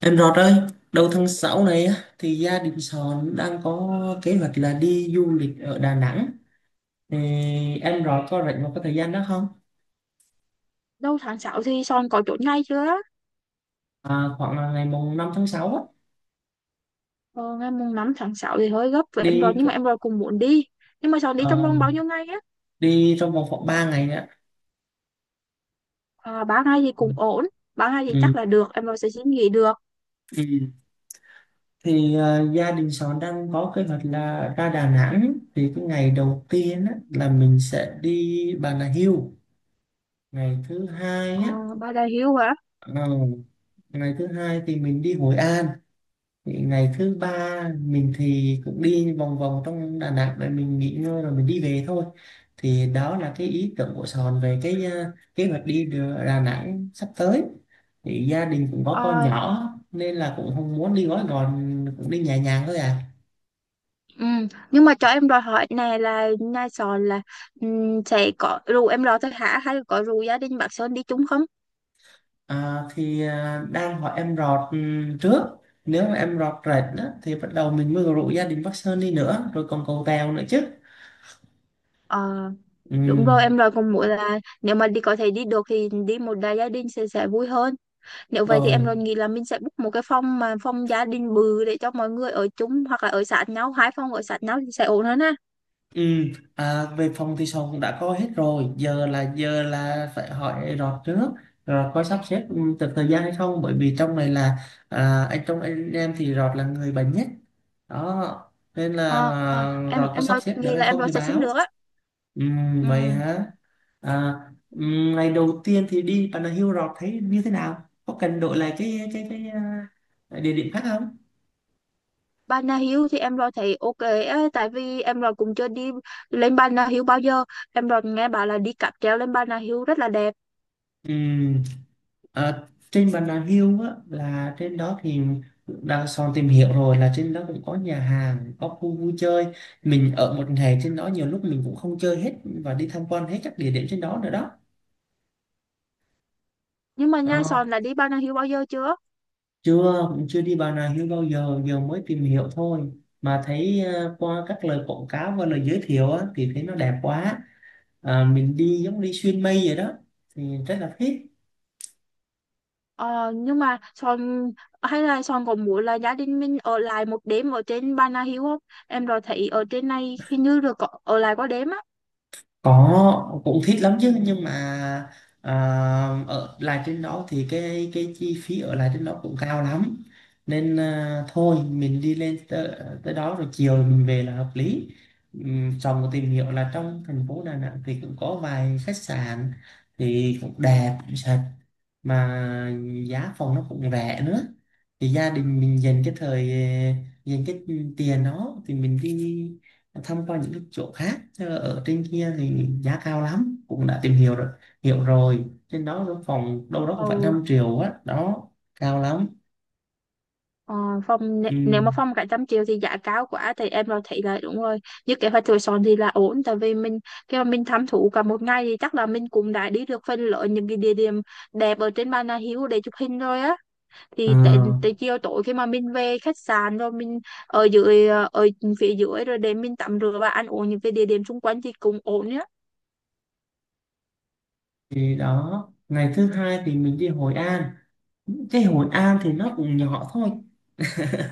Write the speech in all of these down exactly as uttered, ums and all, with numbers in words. Em Rọt ơi, đầu tháng sáu này á, thì gia đình Sòn đang có kế hoạch là đi du lịch ở Đà Nẵng. Thì em Rọt có rảnh một cái thời gian đó không? Đâu tháng sáu thì Son có chốt ngày chưa? À, khoảng là ngày mùng năm tháng sáu á, Ờ, ngày mùng năm tháng sáu thì hơi gấp với em rồi đi nhưng mà em rồi cũng muốn đi. Nhưng mà Son đi trong ờ, vòng bao nhiêu ngày á? đi trong vòng khoảng ba ngày á. À, ba ngày thì Ừ. cũng ổn. ba ngày thì chắc là được, em rồi sẽ xin nghỉ được. Ừ. Thì ờ, gia đình Sòn đang có kế hoạch là ra Đà Nẵng, thì cái ngày đầu tiên á, là mình sẽ đi Bà Nà Hills. Ngày thứ hai Ờ, á, ba đại hiếu hả? ờ, ngày thứ hai thì mình đi Hội An. Thì ngày thứ ba mình thì cũng đi vòng vòng trong Đà Nẵng, rồi mình nghỉ ngơi rồi mình đi về thôi. Thì đó là cái ý tưởng của Sòn về cái ờ, kế hoạch đi Đà Đà Nẵng sắp tới. Thì gia đình cũng có con Ờ, nhỏ nên là cũng không muốn đi gói gòn, cũng đi nhẹ nhàng thôi à. ừ. Nhưng mà cho em đòi hỏi này là nhà Son là ừm, sẽ có rủ em rồi thôi hả? Hay là có rủ gia đình bác Sơn đi chung không? À thì ờ, đang hỏi em Rọt ừm, trước, nếu mà em Rọt rệt đó, thì bắt đầu mình mới rủ gia đình Bắc Sơn đi nữa, rồi còn cầu Tèo nữa chứ. Ờ, Ừ, đúng rồi em rồi cũng muốn là nếu mà đi có thể đi được thì đi một đại gia đình sẽ sẽ vui hơn. Nếu vậy thì em rồi. luôn nghĩ là mình sẽ book một cái phòng mà phòng gia đình bự để cho mọi người ở chung hoặc là ở sát nhau, hai phòng ở sát nhau thì sẽ ổn hơn ha. Ừ, à, về phòng thì sòng cũng đã có hết rồi, giờ là giờ là phải hỏi rọt trước, rồi có sắp xếp ừ, được thời gian hay không, bởi vì trong này là à, anh, trong anh em thì rọt là người bận nhất đó, nên là Ờ, ờ, à, em rọt có em sắp lo xếp được nghĩ hay là em không lo thì sẽ xin báo. được á. Ừ, vậy Ừ. hả. à, ừ, Ngày đầu tiên thì đi Bà Nà Hills, rọt thấy như thế nào, có cần đổi lại cái cái cái à, địa điểm khác không? Bà Nà Hills thì em lo thấy ok á, tại vì em lo cũng chưa đi lên Bà Nà Hills bao giờ. Em lo nghe bảo là đi cáp treo lên Bà Nà Hills rất là đẹp. Ừ. Ờ, trên Bà Nà Hills á, là trên đó thì đang son tìm hiểu rồi, là trên đó cũng có nhà hàng, có khu vui chơi. Mình ở một ngày trên đó nhiều lúc mình cũng không chơi hết và đi tham quan hết các địa điểm trên đó nữa đó. Nhưng mà Nha Ờ, Sòn là đi Bà Nà Hills bao giờ chưa? chưa, cũng chưa đi Bà Nà Hills bao giờ, giờ mới tìm hiểu thôi, mà thấy ờ, qua các lời quảng cáo và lời giới thiệu á, thì thấy nó đẹp quá. À, mình đi giống đi xuyên mây vậy đó, thì rất là thích. Ờ, nhưng mà Son hay là Son có muốn là gia đình mình ở lại một đêm ở trên Bà Nà Hills không? Em rồi thấy ở trên này hình như được có, ở lại có đêm á. Có, cũng thích lắm chứ, nhưng mà à, ở lại trên đó thì cái cái chi phí ở lại trên đó cũng cao lắm, nên à, thôi mình đi lên tới, tới đó rồi chiều mình về là hợp lý. Ừm, xong rồi tìm hiểu là trong thành phố Đà Nẵng thì cũng có vài khách sạn thì cũng đẹp, cũng sạch, mà giá phòng nó cũng rẻ nữa. Thì gia đình mình dành cái thời dành cái tiền đó thì mình đi thăm qua những cái chỗ khác. Thế ở trên kia thì giá cao lắm, cũng đã tìm hiểu rồi, hiểu rồi, trên đó cái phòng đâu đó cũng phải Ừ, năm triệu á đó, cao lắm. ờ, phòng nè- Ừ. nếu mà phòng cả trăm triệu thì giá cao quá thì em rồi thấy là đúng rồi. Như kế hoạch của Son thì là ổn tại vì mình khi mà mình thám thú cả một ngày thì chắc là mình cũng đã đi được phần lớn những cái địa điểm đẹp ở trên Bà Nà Hills để chụp hình rồi á. Ờ, Thì tại tại chiều tối khi mà mình về khách sạn rồi mình ở dưới ở phía dưới rồi để mình tắm rửa và ăn uống những cái địa điểm xung quanh thì cũng ổn nhá. thì đó, ngày thứ hai thì mình đi Hội An. Cái Hội An thì nó cũng nhỏ thôi.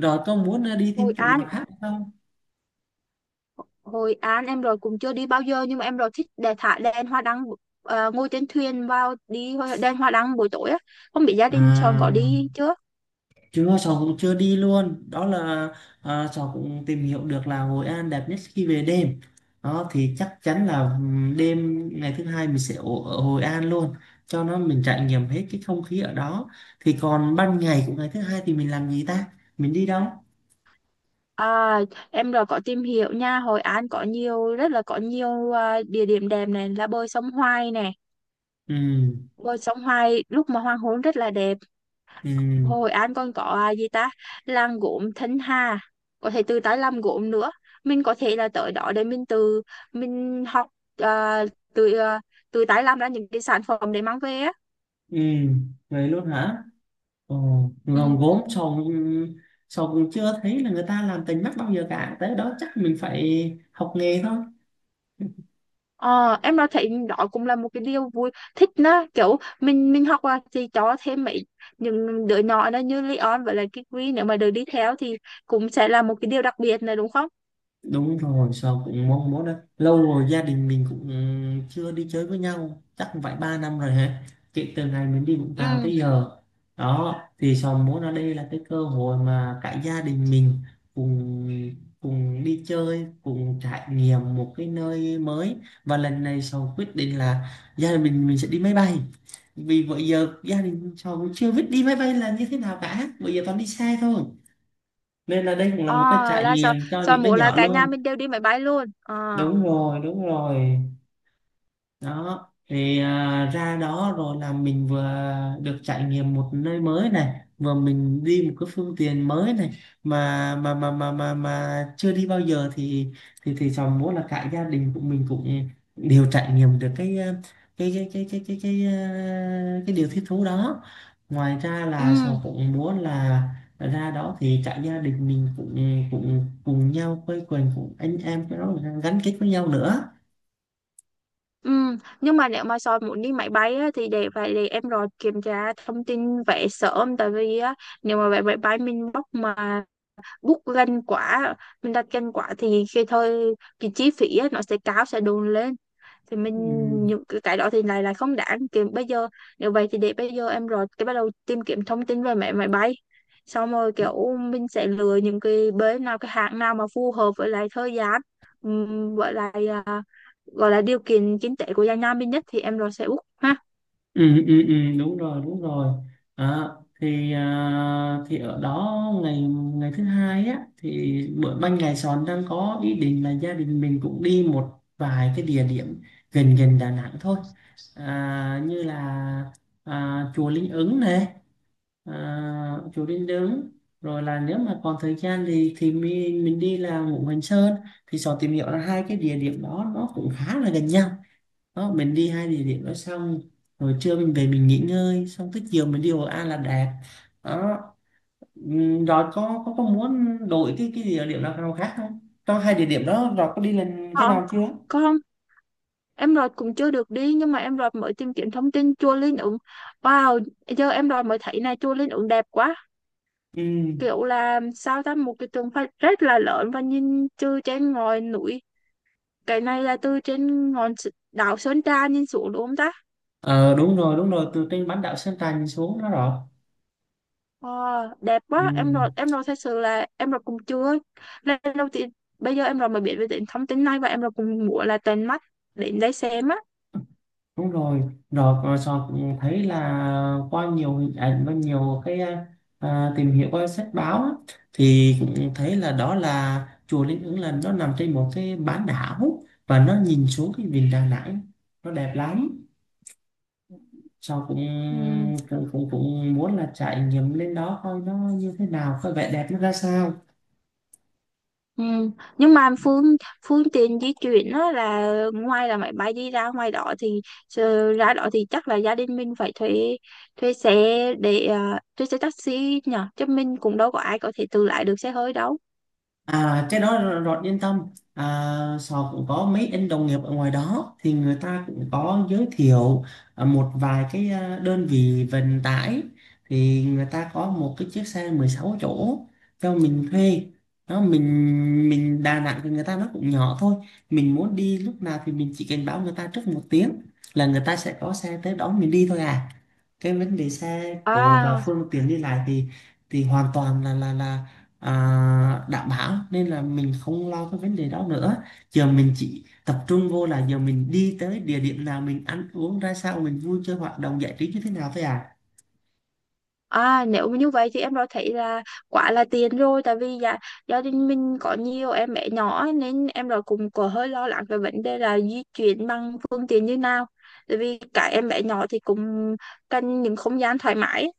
Rồi, có muốn đi thêm Hội chỗ An, nào khác không? Hội An em rồi cũng chưa đi bao giờ nhưng mà em rồi thích để thả đèn hoa đăng, ờ, ngồi trên thuyền vào đi hoa- đèn hoa đăng buổi tối á, không biết gia đình chồng có À đi chưa. chưa, cháu cũng chưa đi luôn đó là. À, cháu cũng tìm hiểu được là Hội An đẹp nhất khi về đêm, đó thì chắc chắn là ừm, đêm ngày thứ hai mình sẽ ở, ở Hội An luôn cho nó mình trải nghiệm hết cái không khí ở đó. Thì còn ban ngày của ngày thứ hai thì mình làm gì ta, mình đi đâu? à, em rồi có tìm hiểu nha Hội An có nhiều rất là có nhiều ờ, địa điểm đẹp này là bơi sông Hoài này, ừ bơi sông Hoài lúc mà hoàng hôn rất là đẹp. ừ Hồi anh còn có à, gì ta? Làng gốm Thanh Hà. Có thể từ tới làm gốm nữa. Mình có thể là tới đó để mình từ mình học à, từ à, từ tái làm ra những cái sản phẩm để mang về á. ừ Vậy luôn hả. Ồ, gồm Ừ. gốm cháu cũng, cháu cũng chưa thấy là người ta làm tình mắt bao giờ cả, tới đó chắc mình phải học nghề thôi. Ờ, em đã thấy đó cũng là một cái điều vui thích đó kiểu mình mình học à, thì cho thêm mấy những đứa nhỏ đó như Leon với lại Kikri nếu mà được đi theo thì cũng sẽ là một cái điều đặc biệt này đúng không? Đúng rồi, sao cũng mong muốn đó lâu rồi, gia đình mình cũng chưa đi chơi với nhau chắc cũng phải ba năm rồi hả, kể từ ngày mình đi Vũng Tàu Ừ. tới giờ. Đó, thì sao muốn ở đây là cái cơ hội mà cả gia đình mình cùng cùng đi chơi, cùng trải nghiệm một cái nơi mới. Và lần này Sầu quyết định là gia đình mình mình sẽ đi máy bay, vì bữa giờ gia đình Sầu cũng chưa biết đi máy bay là như thế nào cả, bữa giờ toàn đi xe thôi. Nên là đây cũng là Ờ, một cái trải là sao? nghiệm cho Sao những đứa mỗi là nhỏ cả nhà luôn. mình đều đi máy bay luôn. Ờ. Đúng rồi, đúng rồi. Đó thì à, ra đó rồi là mình vừa được trải nghiệm một nơi mới này, vừa mình đi một cái phương tiện mới này mà mà mà mà mà mà chưa đi bao giờ. Thì thì thì cháu muốn là cả gia đình của mình cũng đều trải nghiệm được cái à, cái cái cái cái cái cái à, cái điều thích thú đó. Ngoài ra là cháu Ừ. cũng muốn là ra đó thì cả gia đình mình cũng cũng cùng nhau quây quần, cùng anh em cái đó, gắn kết với nhau nữa. Ừ, nhưng mà nếu mà soi muốn đi máy bay á, thì để phải để em rồi kiểm tra thông tin vé sớm tại vì á, nếu mà vé máy bay mình book mà bút lên quả mình đặt trên quả thì khi thôi cái chi phí á, nó sẽ cao sẽ đồn lên thì mình ừ, những cái cái đó thì lại là không đáng kiếm bây giờ. Nếu vậy thì để bây giờ em rồi cái bắt đầu tìm kiếm thông tin về mẹ máy bay, xong rồi kiểu mình sẽ lựa những cái bến nào cái hãng nào mà phù hợp với lại thời gian ừm, với lại à, gọi là điều kiện kinh tế của gia nhà mình nhất thì em rồi sẽ book ha. ừ, ừ, ừ, Đúng rồi, đúng rồi. à, thì à, thì ở đó ngày ngày thứ hai á, thì bữa ban ngày Sòn đang có ý định là gia đình mình cũng đi một vài cái địa điểm gần gần Đà Nẵng thôi, à, như là à, chùa Linh Ứng này, à, chùa Linh Ứng, rồi là nếu mà còn thời gian thì thì mình mình đi là Ngũ Hành Sơn. Thì Sòn tìm hiểu là hai cái địa điểm đó nó cũng khá là gần nhau. Đó, mình đi hai địa điểm đó xong rồi trưa mình về mình nghỉ ngơi, xong tới chiều mình đi Hội An là đẹp đó. Ừm, rồi có có có muốn đổi cái cái địa điểm nào nào khác không, trong hai địa điểm đó rồi có đi lần cái Ờ, nào chưa? có. Em Rọt cũng chưa được đi nhưng mà em Rọt mới tìm kiếm thông tin chùa Linh Ứng. Wow, giờ em Rọt mới thấy này chùa Linh Ứng đẹp quá, Ừ. kiểu là sao ta một cái tượng Phật rất là lớn và nhìn từ trên ngọn núi. Cái này là từ trên ngọn S- đảo Sơn Trà nhìn xuống đúng không ta? Ờ, đúng rồi, đúng rồi, từ trên bán đảo Sơn Trà nhìn xuống đó rồi. Wow, đẹp Ừ. quá, em Rọt em Rọt thật sự là em Rọt cũng chưa lần đầu tiên, bây giờ em Rọt mới biết về đến thông tin này và em Rọt cũng muốn là tận mắt đến đây xem á. Đúng rồi, rồi rồi Sọt thấy là qua nhiều hình ảnh và nhiều cái à, tìm hiểu qua sách báo á, thì cũng thấy là đó là chùa Linh Ứng, là nó nằm trên một cái bán đảo và nó nhìn xuống cái vịnh Đà Nẵng, nó đẹp lắm. Sọt cũng Ừ. cũng cũng cũng muốn là trải nghiệm lên đó coi nó như thế nào, coi vẻ đẹp nó ra sao. Ừ. Nhưng mà phương phương tiện di chuyển đó là ngoài là máy bay đi ra ngoài đó thì ờ, ra đó thì chắc là gia đình mình phải thuê thuê xe để ờ, thuê xe taxi nhở chứ mình cũng đâu có ai có thể tự lái được xe hơi đâu. À, cái đó r- Rọt yên tâm, à, Sò cũng có mấy anh đồng nghiệp ở ngoài đó thì người ta cũng có giới thiệu à, một vài cái à, đơn vị vận tải. Thì người ta có một cái chiếc xe mười sáu chỗ cho mình thuê. Đó, mình mình Đà Nẵng thì người ta nó cũng nhỏ thôi, mình muốn đi lúc nào thì mình chỉ cần báo người ta trước một tiếng là người ta sẽ có xe tới đón mình đi thôi à. Cái vấn đề xe cộ và À phương tiện đi lại thì thì hoàn toàn là là là à, đảm bảo, nên là mình không lo cái vấn đề đó nữa. Giờ mình chỉ tập trung vô là giờ mình đi tới địa điểm nào, mình ăn uống ra sao, mình vui chơi hoạt động giải trí như thế nào thôi à. à, nếu mà như vậy thì em đã thấy là quá là tiền rồi tại vì gia, gia đình mình có nhiều em bé nhỏ ấy, nên em đã cũng có hơi lo lắng về vấn đề là di chuyển bằng phương tiện như nào, tại vì cả em bé nhỏ thì cũng cần những không gian thoải mái ấy.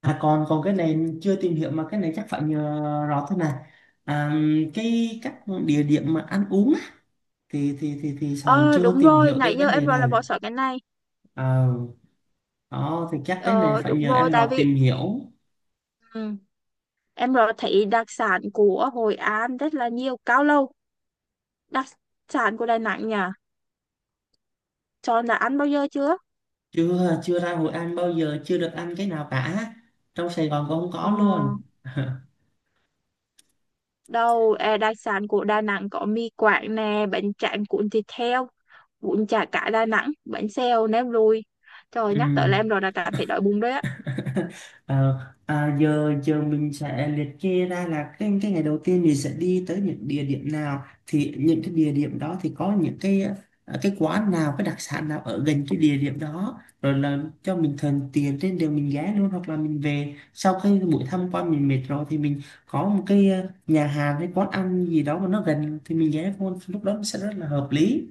À còn còn cái này chưa tìm hiểu, mà cái này chắc phải nhờ rõ thôi nè. à, cái các địa điểm mà ăn uống á, thì thì thì thì Sòn Ờ chưa đúng tìm rồi, hiểu tới nãy giờ vấn em đề rồi này. là bỏ sót cái này. Ờ, đó thì chắc cái này Ờ phải đúng nhờ rồi, em Rọt tại vì tìm hiểu. ừ, em rồi thấy đặc sản của Hội An rất là nhiều cao lầu. Đặc sản của Đà Nẵng nhỉ? Cho là ăn bao giờ chưa? Chưa, chưa ra Hội An bao giờ, chưa được ăn cái nào cả, trong Sài Gòn cũng không Ờ có luôn. đâu, à, đặc sản của Đà Nẵng có mì Quảng nè, bánh tráng cuốn thịt heo, bún chả cá Đà Nẵng, bánh xèo, nem lùi. Trời nhắc tới Ừ. là em rồi là cảm thấy đói bụng đấy á. Ờ, à, giờ giờ mình sẽ liệt kê ra là cái cái ngày đầu tiên mình sẽ đi tới những địa điểm nào, thì những cái địa điểm đó thì có những cái ờ, cái quán nào, cái đặc sản nào ở gần cái địa điểm đó, rồi là cho mình thuận tiền trên đường mình ghé luôn, hoặc là mình về sau khi buổi tham quan mình mệt rồi thì mình có một cái ờ, nhà hàng hay quán ăn gì đó mà nó gần thì mình ghé luôn, lúc đó nó sẽ rất là hợp lý.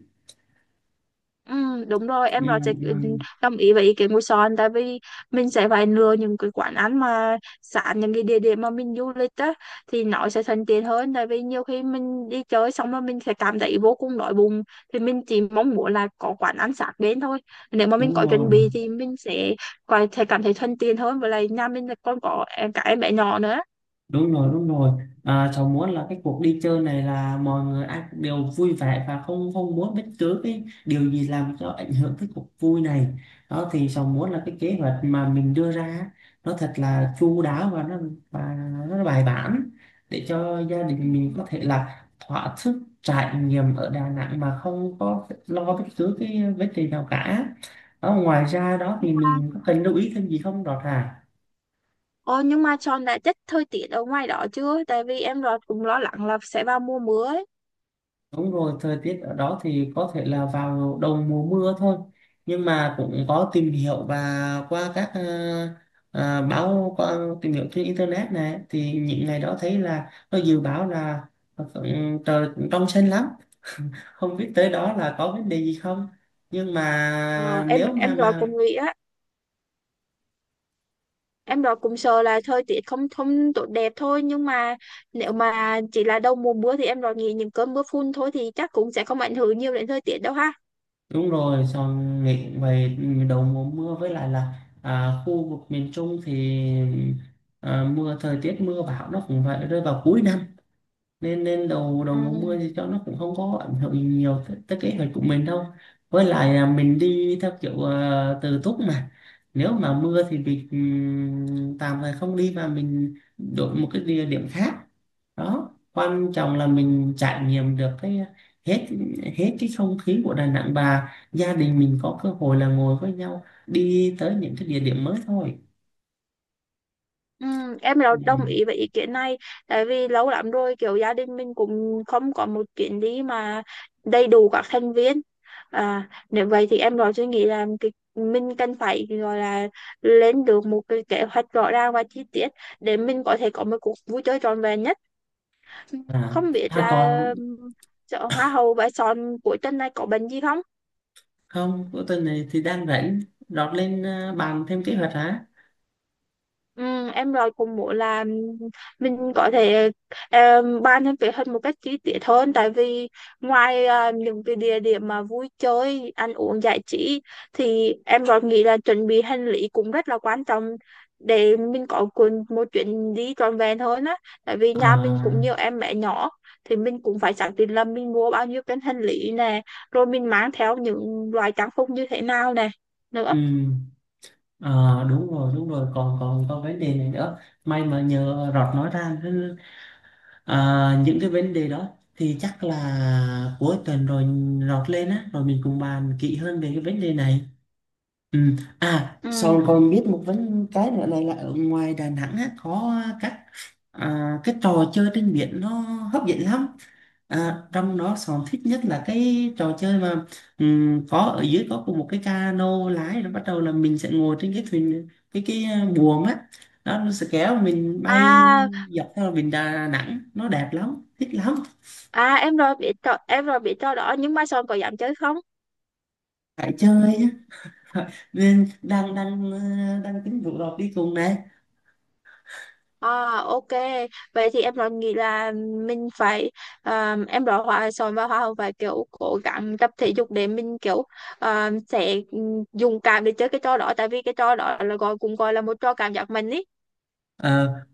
Ừ, đúng rồi em ừ, nói sẽ ừ, đồng ý với ý kiến của Son, tại vì mình sẽ phải lựa những cái quán ăn mà sẵn những cái địa điểm mà mình du lịch á thì nó sẽ thuận tiện hơn, tại vì nhiều khi mình đi chơi xong rồi mình sẽ cảm thấy vô cùng đói bụng thì mình chỉ mong muốn là có quán ăn sẵn đến thôi. Nếu mà mình đúng có chuẩn rồi bị thì mình sẽ có thể cảm thấy thuận tiện hơn với lại nhà mình là còn có em cả em bé nhỏ nữa. đúng rồi đúng rồi. À, cháu muốn là cái cuộc đi chơi này là mọi người ai cũng đều vui vẻ, và không không muốn bất cứ cái điều gì làm cho ảnh hưởng cái cuộc vui này. Đó, thì cháu muốn là cái kế hoạch mà mình đưa ra á, nó thật là chu đáo và nó và nó bài bản, để cho gia Ừ. đình mình có thể là thỏa sức trải nghiệm ở Đà Nẵng mà không có lo bất cứ cái vấn đề nào cả. Đó, ngoài ra đó nhưng thì mà mình có cần lưu ý thêm gì không Đọt à? Ồ, nhưng mà Son đã chắc thời tiết ở ngoài đó chưa? Tại vì em lo cũng lo lắng là sẽ vào mùa mưa ấy. Đúng rồi, thời tiết ở đó thì có thể là vào đầu mùa mưa thôi. Nhưng mà cũng có tìm hiểu và qua các ờ, ờ, báo, qua tìm hiểu trên internet này thì những ngày đó thấy là nó dự báo là ừ, trời cũng trong xanh lắm, không biết tới đó là có vấn đề gì không. Nhưng mà Ờ, em nếu mà em rồi mà cũng nghĩ á, em rồi cũng sợ là thời tiết không không tốt đẹp thôi nhưng mà nếu mà chỉ là đầu mùa mưa thì em rồi nghĩ những cơn mưa phùn thôi thì chắc cũng sẽ không ảnh hưởng nhiều đến thời tiết đâu ha. Đúng rồi, xong nghĩ về đầu mùa mưa với lại là à, khu vực miền Trung thì à, mưa, thời tiết mưa bão nó cũng phải rơi vào cuối năm, nên nên đầu đầu Ừ. mùa mưa thì cho nó cũng không có ảnh hưởng gì nhiều tới, tới kế hoạch của mình đâu. Với lại là mình đi theo kiểu ờ, tự túc mà, nếu mà mưa thì mình ừm, tạm thời không đi và mình đổi một cái địa điểm khác. Đó, quan trọng là mình trải nghiệm được cái hết hết cái không khí của Đà Nẵng, và gia đình mình có cơ hội là ngồi với nhau đi tới những cái địa điểm mới thôi. Ừ, em Ừ. rồi đồng ý với ý kiến này, tại vì lâu lắm rồi kiểu gia đình mình cũng không có một chuyến đi mà đầy đủ các thành viên. À, nếu vậy thì em rồi suy nghĩ là cái mình cần phải gọi là lên được một cái kế hoạch rõ ràng và chi tiết để mình có thể có một cuộc vui chơi trọn vẹn nhất. à, Không biết à là còn um, chợ hoa hậu Bãi Son cuối tuần này có bệnh gì không? Không, cuối tuần này thì đang rảnh, lót lên ờ, bàn thêm kế hoạch hả? Ừ, em rồi cũng muốn là mình có thể um, bàn thêm kế hoạch một cách chi tiết hơn, tại vì ngoài à, những cái địa điểm mà vui chơi ăn uống giải trí thì em rồi nghĩ là chuẩn bị hành lý cũng rất là quan trọng để mình có cuốn- một chuyến đi trọn vẹn hơn á, tại vì Ờ, nhà mình cũng nhiều em bé nhỏ thì mình cũng phải xác định là mình mua bao nhiêu cái hành lý nè, rồi mình mang theo những loại trang phục như thế nào nè nữa. ừ, ờ, đúng rồi, đúng rồi còn còn còn vấn đề này nữa, may mà nhờ Rọt nói ra chứ. Ờ, những cái vấn đề đó thì chắc là cuối tuần rồi Rọt lên á, rồi mình cùng bàn kỹ hơn về cái vấn đề này. Ừ. À, Ừ. sau con biết một vấn cái nữa này là ở ngoài Đà Nẵng á, có các à, cái trò chơi trên biển nó hấp dẫn lắm. À, trong đó Sòn thích nhất là cái trò chơi mà ừm, có ở dưới có cùng một cái cano lái, rồi bắt đầu là mình sẽ ngồi trên cái thuyền cái cái à, buồm á, đó nó sẽ kéo mình bay À. dọc theo biển Đà Nẵng, nó đẹp lắm, thích lắm. À em rồi bị trò, em rồi bị trò đỏ nhưng mai sau em có dám chơi không? Phải chơi á. Nên đang đang ờ, đang tính rủ đọc đi cùng này. À, ok, vậy thì em rồi nghĩ là mình phải à, em rồi hòa sòn và hoa hồng phải kiểu cố gắng tập thể dục để mình kiểu à, sẽ ừ, dùng cảm để chơi cái trò đỏ, tại vì cái trò đỏ là gọi cũng gọi là một trò cảm giác mạnh ý. Ờ,